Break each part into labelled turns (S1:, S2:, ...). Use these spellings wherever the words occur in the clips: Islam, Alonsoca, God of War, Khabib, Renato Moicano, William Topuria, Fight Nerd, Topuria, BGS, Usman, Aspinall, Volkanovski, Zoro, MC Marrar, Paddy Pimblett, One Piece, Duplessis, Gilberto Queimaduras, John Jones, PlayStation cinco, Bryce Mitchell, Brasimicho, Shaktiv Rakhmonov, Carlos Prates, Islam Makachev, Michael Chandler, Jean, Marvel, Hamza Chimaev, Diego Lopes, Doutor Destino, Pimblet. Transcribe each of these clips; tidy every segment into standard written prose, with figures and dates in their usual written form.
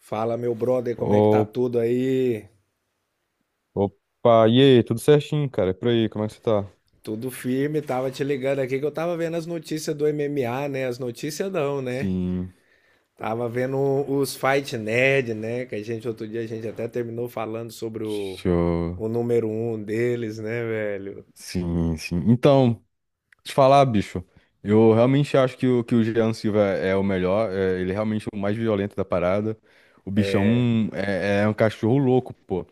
S1: Fala, meu brother, como é que tá
S2: Ô-
S1: tudo aí?
S2: Opa, e aí, tudo certinho, cara? E por aí, como é que você tá?
S1: Tudo firme, tava te ligando aqui que eu tava vendo as notícias do MMA, né? As notícias não, né?
S2: Sim,
S1: Tava vendo os Fight Nerd, né? Que a gente, outro dia, a gente até terminou falando sobre o,
S2: deixa eu...
S1: o número um deles, né, velho?
S2: Sim, sim. Então, te falar, bicho, eu realmente acho que o Jean Silva é o melhor, é, ele é realmente o mais violento da parada. O bichão é um cachorro louco, pô.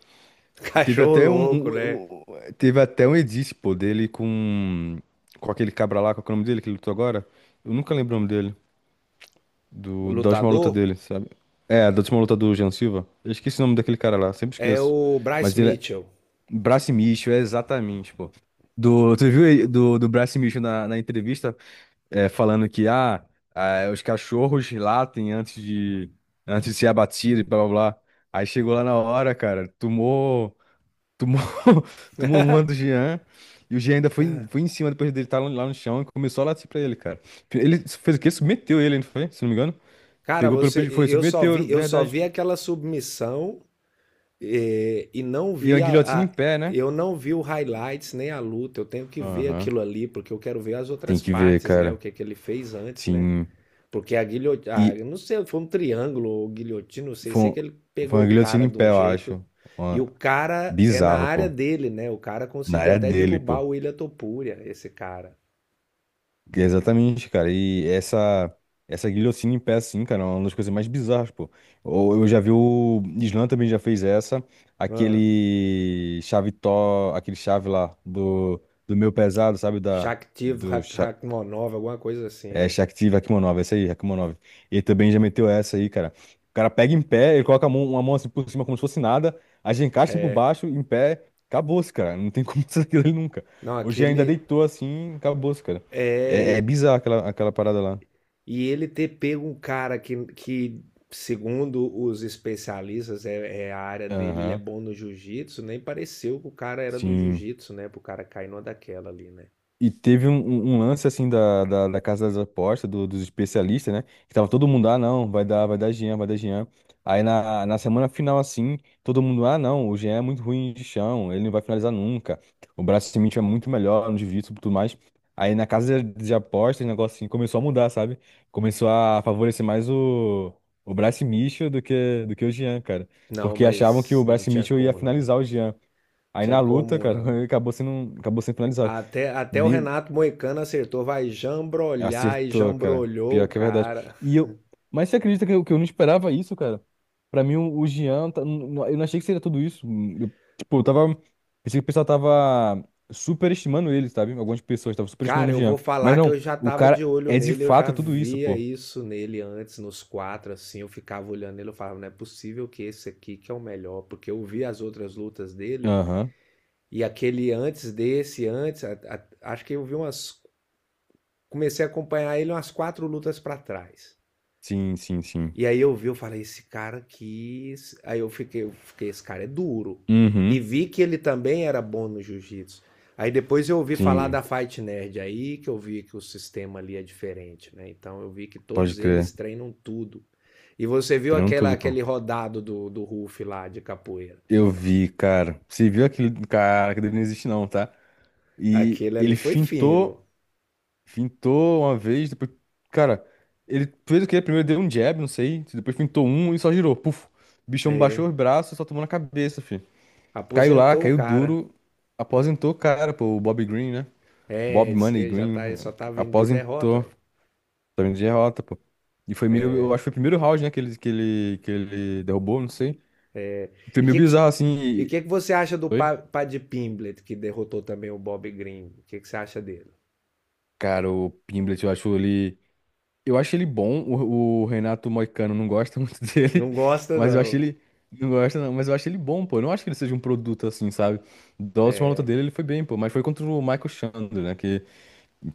S2: Teve
S1: Cachorro
S2: até um,
S1: louco, né?
S2: um- um- teve até um edit, pô, dele com aquele cabra lá, qual que é o nome dele que ele lutou agora? Eu nunca lembro o nome dele. Da última luta
S1: Lutador
S2: dele, sabe? É, da última luta do Jean Silva. Eu esqueci o nome daquele cara lá, sempre
S1: é
S2: esqueço.
S1: o Bryce
S2: Mas ele é.
S1: Mitchell.
S2: Brasimicho, é exatamente, pô. Do, tu viu ele- do, do Brasimicho na entrevista falando que os cachorros latem antes antes de ser abatido e blá blá blá. Aí chegou lá na hora, cara, tomou, tomou uma do Jean. E o Jean ainda
S1: Cara,
S2: foi em cima depois dele estar lá no chão e começou a latir pra ele, cara. Ele fez o quê? Submeteu ele, não foi? Se não me engano.
S1: cara,
S2: Pegou pelo
S1: você,
S2: peito, foi, submeteu, na
S1: eu só
S2: verdade.
S1: vi aquela submissão. É, e não
S2: E a
S1: vi
S2: guilhotina
S1: a,
S2: em
S1: a-
S2: pé, né?
S1: eu não vi o highlights nem a luta. Eu tenho que ver
S2: Aham.
S1: aquilo ali porque eu quero ver as
S2: Tem
S1: outras
S2: que ver,
S1: partes, né? O
S2: cara.
S1: que é que ele fez antes, né?
S2: Sim.
S1: Porque a guilhotina,
S2: E
S1: não sei, foi um triângulo ou guilhotina, não sei,
S2: foi,
S1: sei
S2: um-
S1: que ele
S2: foi
S1: pegou
S2: uma
S1: o
S2: guilhotina
S1: cara
S2: em
S1: de um
S2: pé, eu
S1: jeito.
S2: acho.
S1: E
S2: Uma-
S1: o cara é na
S2: Bizarro,
S1: área
S2: pô.
S1: dele, né? O cara
S2: Na
S1: conseguiu
S2: área
S1: até
S2: dele,
S1: derrubar
S2: pô.
S1: o William Topuria, esse cara.
S2: E exatamente, cara. Essa guilhotina em pé, assim, cara, é uma das coisas mais bizarras, pô. Ou eu já vi o Islam também já fez essa.
S1: Ah,
S2: Aquele chave tó, aquele chave lá do meu pesado, sabe? Da,
S1: Shaktiv
S2: do, cha-
S1: Hakmonov, alguma coisa assim,
S2: É,
S1: né?
S2: Shaktiv Rakhmonov, essa aí, Rakhmonov. Ele também já meteu essa aí, cara. O cara pega em pé, ele coloca a mão, uma mão assim por cima como se fosse nada, a gente encaixa por baixo, em pé, acabou-se, cara. Não tem como sair dele nunca.
S1: Não,
S2: Hoje ainda
S1: aquele
S2: deitou assim, acabou-se, cara. É, é
S1: é.
S2: bizarro aquela, aquela parada lá.
S1: E ele ter pego um cara que segundo os especialistas, é, é a área dele, ele é
S2: Aham,
S1: bom no jiu-jitsu, nem pareceu que o cara era do
S2: sim.
S1: jiu-jitsu, né? Pro cara cair numa daquela ali, né?
S2: E teve um lance assim da Casa das Apostas, dos especialistas, né? Que tava todo mundo, ah, não, vai dar Jean, vai dar Jean. Aí na semana final, assim, todo mundo, ah, não, o Jean é muito ruim de chão, ele não vai finalizar nunca. O braço cimento é muito melhor no divisa e tudo mais. Aí na Casa de Apostas, o negócio assim começou a mudar, sabe? Começou a favorecer mais o Bryce Mitchell do que o Jean, cara.
S1: Não,
S2: Porque achavam que
S1: mas
S2: o
S1: não
S2: Bryce
S1: tinha
S2: Mitchell ia
S1: como, não.
S2: finalizar o Jean. Aí
S1: Tinha
S2: na luta,
S1: como,
S2: cara, ele
S1: não.
S2: acabou sendo finalizado.
S1: Até o Renato Moicano acertou, vai jambrolhar e
S2: Acertou, cara.
S1: jambrolhou o
S2: Pior que é verdade.
S1: cara.
S2: E eu. Mas você acredita que eu não esperava isso, cara? Pra mim, o Jean. Eu não achei que seria tudo isso. Eu, tipo, eu tava. Pensei que o pessoal tava superestimando ele, sabe? Algumas pessoas estavam
S1: Cara,
S2: superestimando o
S1: eu vou
S2: Jean. Mas
S1: falar que
S2: não,
S1: eu já
S2: o
S1: tava de
S2: cara
S1: olho
S2: é de
S1: nele, eu já
S2: fato tudo isso,
S1: via
S2: pô.
S1: isso nele antes, nos quatro, assim, eu ficava olhando ele, eu falava, não é possível que esse aqui que é o melhor, porque eu vi as outras lutas dele,
S2: Aham.
S1: e aquele antes desse, antes, acho que eu vi umas, comecei a acompanhar ele umas quatro lutas para trás.
S2: Sim, sim, sim.
S1: E aí eu vi, eu falei, esse cara aqui. Aí eu fiquei, esse cara é duro. E
S2: Uhum.
S1: vi que ele também era bom no jiu-jitsu. Aí depois eu ouvi falar da
S2: Sim,
S1: Fight Nerd, aí que eu vi que o sistema ali é diferente, né? Então eu vi que
S2: pode
S1: todos eles
S2: crer.
S1: treinam tudo. E você viu
S2: Treinando
S1: aquela,
S2: tudo, pô.
S1: aquele rodado do Ruf lá de capoeira.
S2: Eu vi, cara. Você viu aquele cara que dele não existe, não, tá? E
S1: Aquele ali
S2: ele
S1: foi fino.
S2: fintou. Fintou uma vez, depois. Cara, ele fez o quê? Primeiro deu um jab, não sei. Depois fintou um e só girou. Puf. O bichão baixou os braços e só tomou na cabeça, filho. Caiu lá,
S1: Aposentou o
S2: caiu
S1: cara.
S2: duro. Aposentou, o cara, pô. O Bob Green, né?
S1: É,
S2: Bob
S1: disse
S2: Money
S1: que já
S2: Green.
S1: tá, só tá vindo de derrota.
S2: Aposentou.
S1: É.
S2: Também de derrota, pô. E foi meio. Eu acho que foi o primeiro round, né? Que ele derrubou, não sei. Foi
S1: E o
S2: meio
S1: que,
S2: bizarro, assim.
S1: e
S2: E-
S1: que, que você acha do
S2: Foi?
S1: Paddy Pimblet, que derrotou também o Bob Green? O que, que você acha dele?
S2: Cara, o Pimblet, eu acho ele. Eu acho ele bom, o Renato Moicano não gosta muito dele,
S1: Não gosta,
S2: mas eu acho
S1: não.
S2: ele. Não gosta, não, mas eu acho ele bom, pô. Eu não acho que ele seja um produto assim, sabe? Da última luta dele, ele foi bem, pô. Mas foi contra o Michael Chandler, né? Que,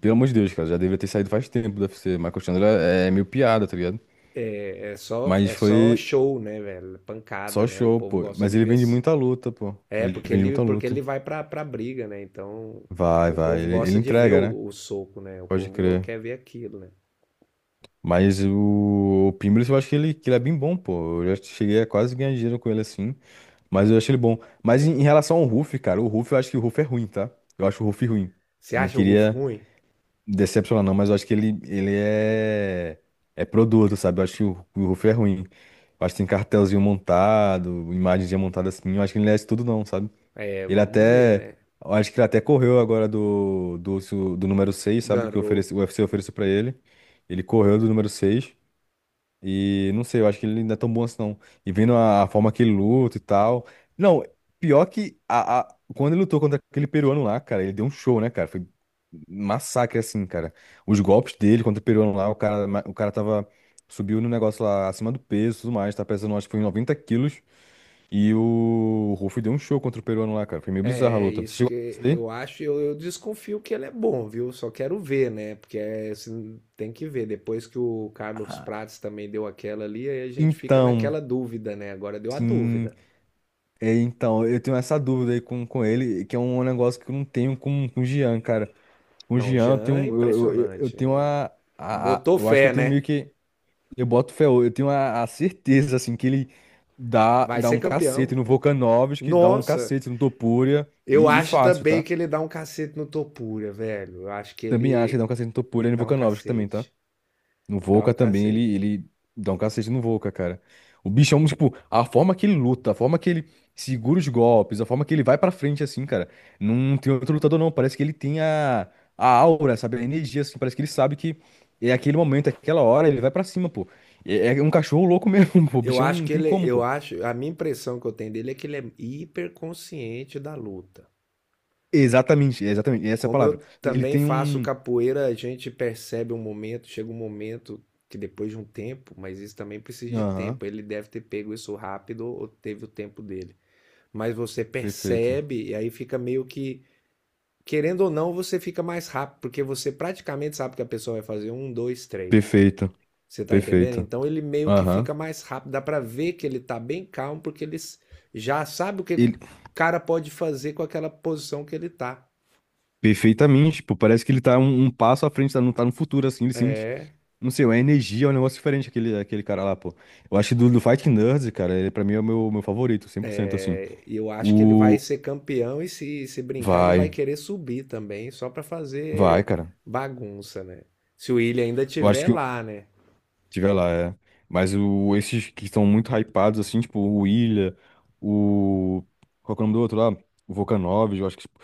S2: pelo amor de Deus, cara, já deveria ter saído faz tempo do UFC. Michael Chandler é meio piada, tá ligado?
S1: É,
S2: Mas
S1: é
S2: foi
S1: só show, né, velho? É Pancada,
S2: só
S1: né? O
S2: show,
S1: povo
S2: pô.
S1: gosta
S2: Mas
S1: de
S2: ele
S1: ver.
S2: vende muita luta, pô.
S1: É,
S2: Ele vende muita
S1: porque
S2: luta.
S1: ele vai pra briga, né? Então,
S2: Vai,
S1: o
S2: vai.
S1: povo
S2: Ele
S1: gosta de ver
S2: entrega, né?
S1: o soco, né? O
S2: Pode
S1: povo
S2: crer.
S1: quer ver aquilo, né?
S2: Mas o Pimblis, eu acho que ele é bem bom, pô. Eu já cheguei a quase ganhar dinheiro com ele assim. Mas eu acho ele bom. Mas em, em relação ao Ruff, cara, o Ruff, eu acho que o Ruff é ruim, tá? Eu acho o Ruff ruim.
S1: Você
S2: Não
S1: acha o Ruff
S2: queria
S1: ruim?
S2: decepcionar, não, mas eu acho ele é, é produto, sabe? Eu acho que o Ruff é ruim. Eu acho que tem cartelzinho montado, imagenzinha montada assim. Eu acho que ele não é isso tudo, não, sabe?
S1: É,
S2: Ele
S1: vamos ver,
S2: até.
S1: né?
S2: Eu acho que ele até correu agora do número 6 sabe? Que
S1: Ganrou.
S2: oferece, o UFC ofereceu pra ele. Ele correu do número 6 e não sei, eu acho que ele não é tão bom assim, não. E vendo a forma que ele luta e tal. Não, pior que quando ele lutou contra aquele peruano lá, cara, ele deu um show, né, cara? Foi um massacre, assim, cara. Os golpes dele contra o peruano lá, o cara tava. Subiu no negócio lá acima do peso e tudo mais, tá pesando, acho que foi 90 quilos. E o Ruff deu um show contra o peruano lá, cara. Foi meio bizarra a
S1: É, é
S2: luta. Você
S1: isso
S2: chegou
S1: que
S2: a assistir isso daí?
S1: eu acho. Eu desconfio que ele é bom, viu? Só quero ver, né? Porque é, assim, tem que ver. Depois que o Carlos
S2: Ah,
S1: Prates também deu aquela ali, aí a gente fica
S2: então,
S1: naquela dúvida, né? Agora deu a
S2: sim.
S1: dúvida.
S2: É, então, eu tenho essa dúvida aí com ele, que é um negócio que eu não tenho com o Jean, cara. Com o
S1: Não,
S2: Jean, eu
S1: Jean é
S2: eu
S1: impressionante.
S2: tenho uma,
S1: Botou
S2: eu acho que eu
S1: fé,
S2: tenho meio
S1: né?
S2: que, eu boto fé, eu tenho a certeza, assim, que ele
S1: Vai
S2: dá
S1: ser
S2: um
S1: campeão.
S2: cacete no Volkanovski, dá um
S1: Nossa!
S2: cacete no Topuria,
S1: Eu
S2: e
S1: acho
S2: fácil,
S1: também
S2: tá?
S1: que ele dá um cacete no Topuria velho. Eu acho que
S2: Também acho que dá um
S1: ele
S2: cacete no Topuria e no
S1: dá um
S2: Volkanovski também, tá?
S1: cacete.
S2: O
S1: Dá um
S2: Volca também,
S1: cacete.
S2: ele dá um cacete no Volca, cara. O bichão, tipo, a forma que ele luta, a forma que ele segura os golpes, a forma que ele vai pra frente, assim, cara. Não tem outro lutador, não. Parece que ele tem a aura, sabe? A energia, assim. Parece que ele sabe que é aquele momento, é aquela hora, ele vai pra cima, pô. É, é um cachorro louco mesmo, pô. O
S1: Eu
S2: bichão
S1: acho
S2: não
S1: que
S2: tem
S1: ele,
S2: como,
S1: eu
S2: pô.
S1: acho, a minha impressão que eu tenho dele é que ele é hiperconsciente da luta.
S2: Exatamente, exatamente. Essa é a
S1: Como eu
S2: palavra. Ele
S1: também
S2: tem
S1: faço
S2: um.
S1: capoeira, a gente percebe um momento, chega um momento que depois de um tempo, mas isso também precisa de
S2: Aham,
S1: tempo. Ele deve ter pego isso rápido ou teve o tempo dele. Mas você
S2: perfeito.
S1: percebe e aí fica meio que querendo ou não, você fica mais rápido, porque você praticamente sabe que a pessoa vai fazer um, dois, três.
S2: Perfeito,
S1: Você tá entendendo?
S2: perfeito.
S1: Então ele meio que
S2: Aham.
S1: fica mais rápido, dá pra ver que ele tá bem calmo, porque já sabe o que o cara pode fazer com aquela posição que ele tá.
S2: Perfeitamente, tipo, parece que ele tá um passo à frente, tá tá no futuro, assim, ele sente,
S1: É,
S2: não sei, uma energia, é um negócio diferente aquele, aquele cara lá, pô. Eu acho que do Fighting Nerds, cara, ele pra mim é o meu, meu favorito, 100% assim.
S1: é, e eu acho que ele vai
S2: O...
S1: ser campeão e se brincar, ele vai
S2: Vai,
S1: querer subir também, só pra
S2: vai,
S1: fazer
S2: cara.
S1: bagunça, né? Se o Willian ainda
S2: Eu acho
S1: tiver
S2: que o...
S1: lá, né?
S2: Tiver lá, é. Mas o, esses que estão muito hypados, assim, tipo, o Ilha, o... Qual que é o nome do outro lá? O Volkanovski, eu acho que, tipo,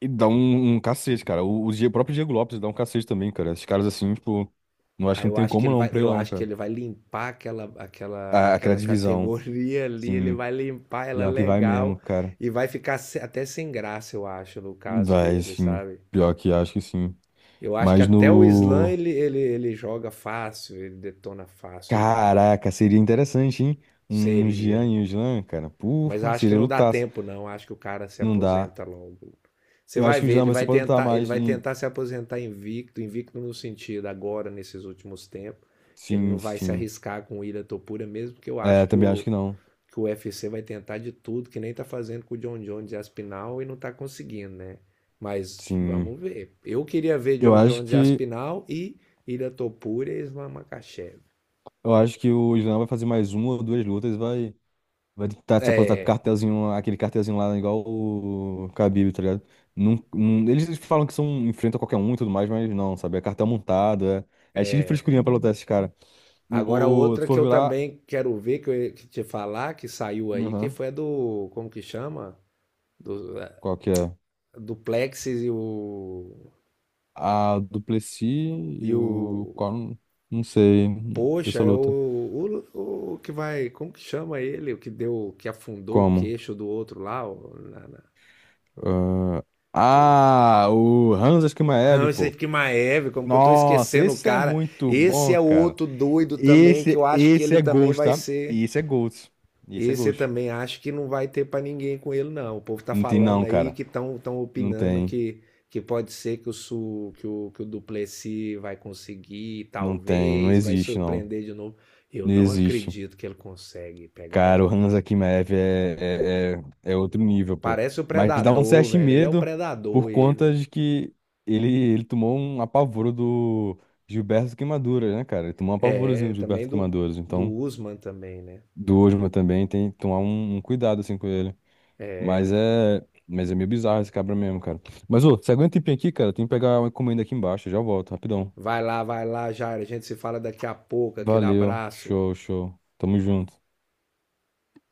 S2: ele dá um cacete, cara. O próprio Diego Lopes dá um cacete também, cara. Esses caras, assim, tipo, não acho que
S1: Aí
S2: não
S1: eu
S2: tem
S1: acho que
S2: como
S1: ele
S2: não
S1: vai,
S2: pra ele
S1: eu
S2: não,
S1: acho que
S2: cara.
S1: ele vai limpar
S2: A- aquela
S1: aquela
S2: divisão,
S1: categoria ali, ele
S2: sim.
S1: vai limpar ela
S2: Pior que vai mesmo,
S1: legal
S2: cara.
S1: e vai ficar até sem graça, eu acho, no caso
S2: Vai,
S1: dele,
S2: sim.
S1: sabe?
S2: Pior que acho que sim.
S1: Eu acho que
S2: Mas
S1: até o Slam
S2: no.
S1: ele joga fácil, ele detona fácil o Slam.
S2: Caraca, seria interessante, hein? Um Jean
S1: Seria.
S2: e um Islam, cara.
S1: Mas
S2: Porra,
S1: acho que
S2: seria
S1: não dá
S2: lutaço.
S1: tempo, não. Acho que o cara se
S2: Não dá.
S1: aposenta logo. Você
S2: Eu acho
S1: vai
S2: que o
S1: ver,
S2: Islam vai se aposentar
S1: ele
S2: mais.
S1: vai
S2: Em-
S1: tentar se aposentar invicto, invicto no sentido agora nesses últimos tempos. Ele não
S2: Sim,
S1: vai se
S2: sim.
S1: arriscar com o Ira Topura mesmo, porque eu
S2: É,
S1: acho
S2: também acho que não.
S1: que o U F C vai tentar de tudo, que nem tá fazendo com o John Jones e Aspinal e não tá conseguindo, né? Mas
S2: Sim.
S1: vamos ver. Eu queria ver
S2: Eu
S1: John
S2: acho
S1: Jones e
S2: que.
S1: Aspinal e Ira Topura e Islam Makachev.
S2: Eu acho que o Islam vai fazer mais uma ou duas lutas e vai. Vai tentar se aposentar com
S1: É,
S2: cartelzinho, aquele cartelzinho lá, igual o Khabib, tá ligado? Eles falam que são, enfrentam qualquer um e tudo mais, mas não, sabe? É cartel montado, é, é cheio de frescurinha pra lutar esses caras.
S1: agora
S2: O, tu
S1: outra que
S2: for
S1: eu
S2: ver lá,
S1: também quero ver, que eu ia te falar, que saiu aí, que
S2: aham,
S1: foi a do, como que chama? Do,
S2: qual que é?
S1: do Plexis e
S2: A Duplessis e o...
S1: o,
S2: Qual, não sei,
S1: poxa,
S2: dessa
S1: é
S2: luta.
S1: o que vai, como que chama ele? O que deu, que afundou o
S2: Como?
S1: queixo do outro lá, na,
S2: ah,
S1: pô.
S2: ah, o Hamza
S1: Ah,
S2: Chimaev,
S1: esse aí
S2: pô.
S1: que Maeve, como que eu tô
S2: Nossa,
S1: esquecendo o
S2: esse é
S1: cara?
S2: muito
S1: Esse
S2: bom,
S1: é o
S2: cara.
S1: outro doido também, que eu
S2: Esse,
S1: acho que
S2: esse
S1: ele
S2: é
S1: também
S2: Ghost,
S1: vai
S2: tá?
S1: ser.
S2: Esse é Ghost. Esse é
S1: Esse eu
S2: Ghost.
S1: também acho que não vai ter para ninguém com ele, não. O povo tá
S2: Não tem
S1: falando
S2: não,
S1: aí
S2: cara.
S1: que estão tão
S2: Não
S1: opinando
S2: tem.
S1: que pode ser que que o Duplessis vai conseguir,
S2: Não tem. Não
S1: talvez, vai
S2: existe, não.
S1: surpreender de novo. Eu
S2: Não
S1: não
S2: existe.
S1: acredito que ele consegue pegar
S2: Cara,
S1: o.
S2: o Hansa Kimmerer é, é, é, é outro nível, pô.
S1: Parece o
S2: Mas dá um
S1: Predador,
S2: certo
S1: velho. Ele é o
S2: medo por
S1: Predador, ele,
S2: conta
S1: velho.
S2: de que ele, ele tomou um apavoro do Gilberto Queimaduras, né, cara? Ele tomou um apavorozinho
S1: É,
S2: do
S1: também
S2: Gilberto
S1: do,
S2: Queimaduras.
S1: do
S2: Então,
S1: Usman também, né?
S2: do Osma também tem que tomar um cuidado, assim, com ele.
S1: É, o-
S2: Mas é. Mas é meio bizarro esse cabra mesmo, cara. Mas, ô, você aguenta um tempinho aqui, cara? Tem que pegar uma encomenda aqui embaixo. Eu já volto, rapidão.
S1: vai lá, Jair. A gente se fala daqui a pouco. Aquele
S2: Valeu.
S1: abraço.
S2: Show, show. Tamo junto.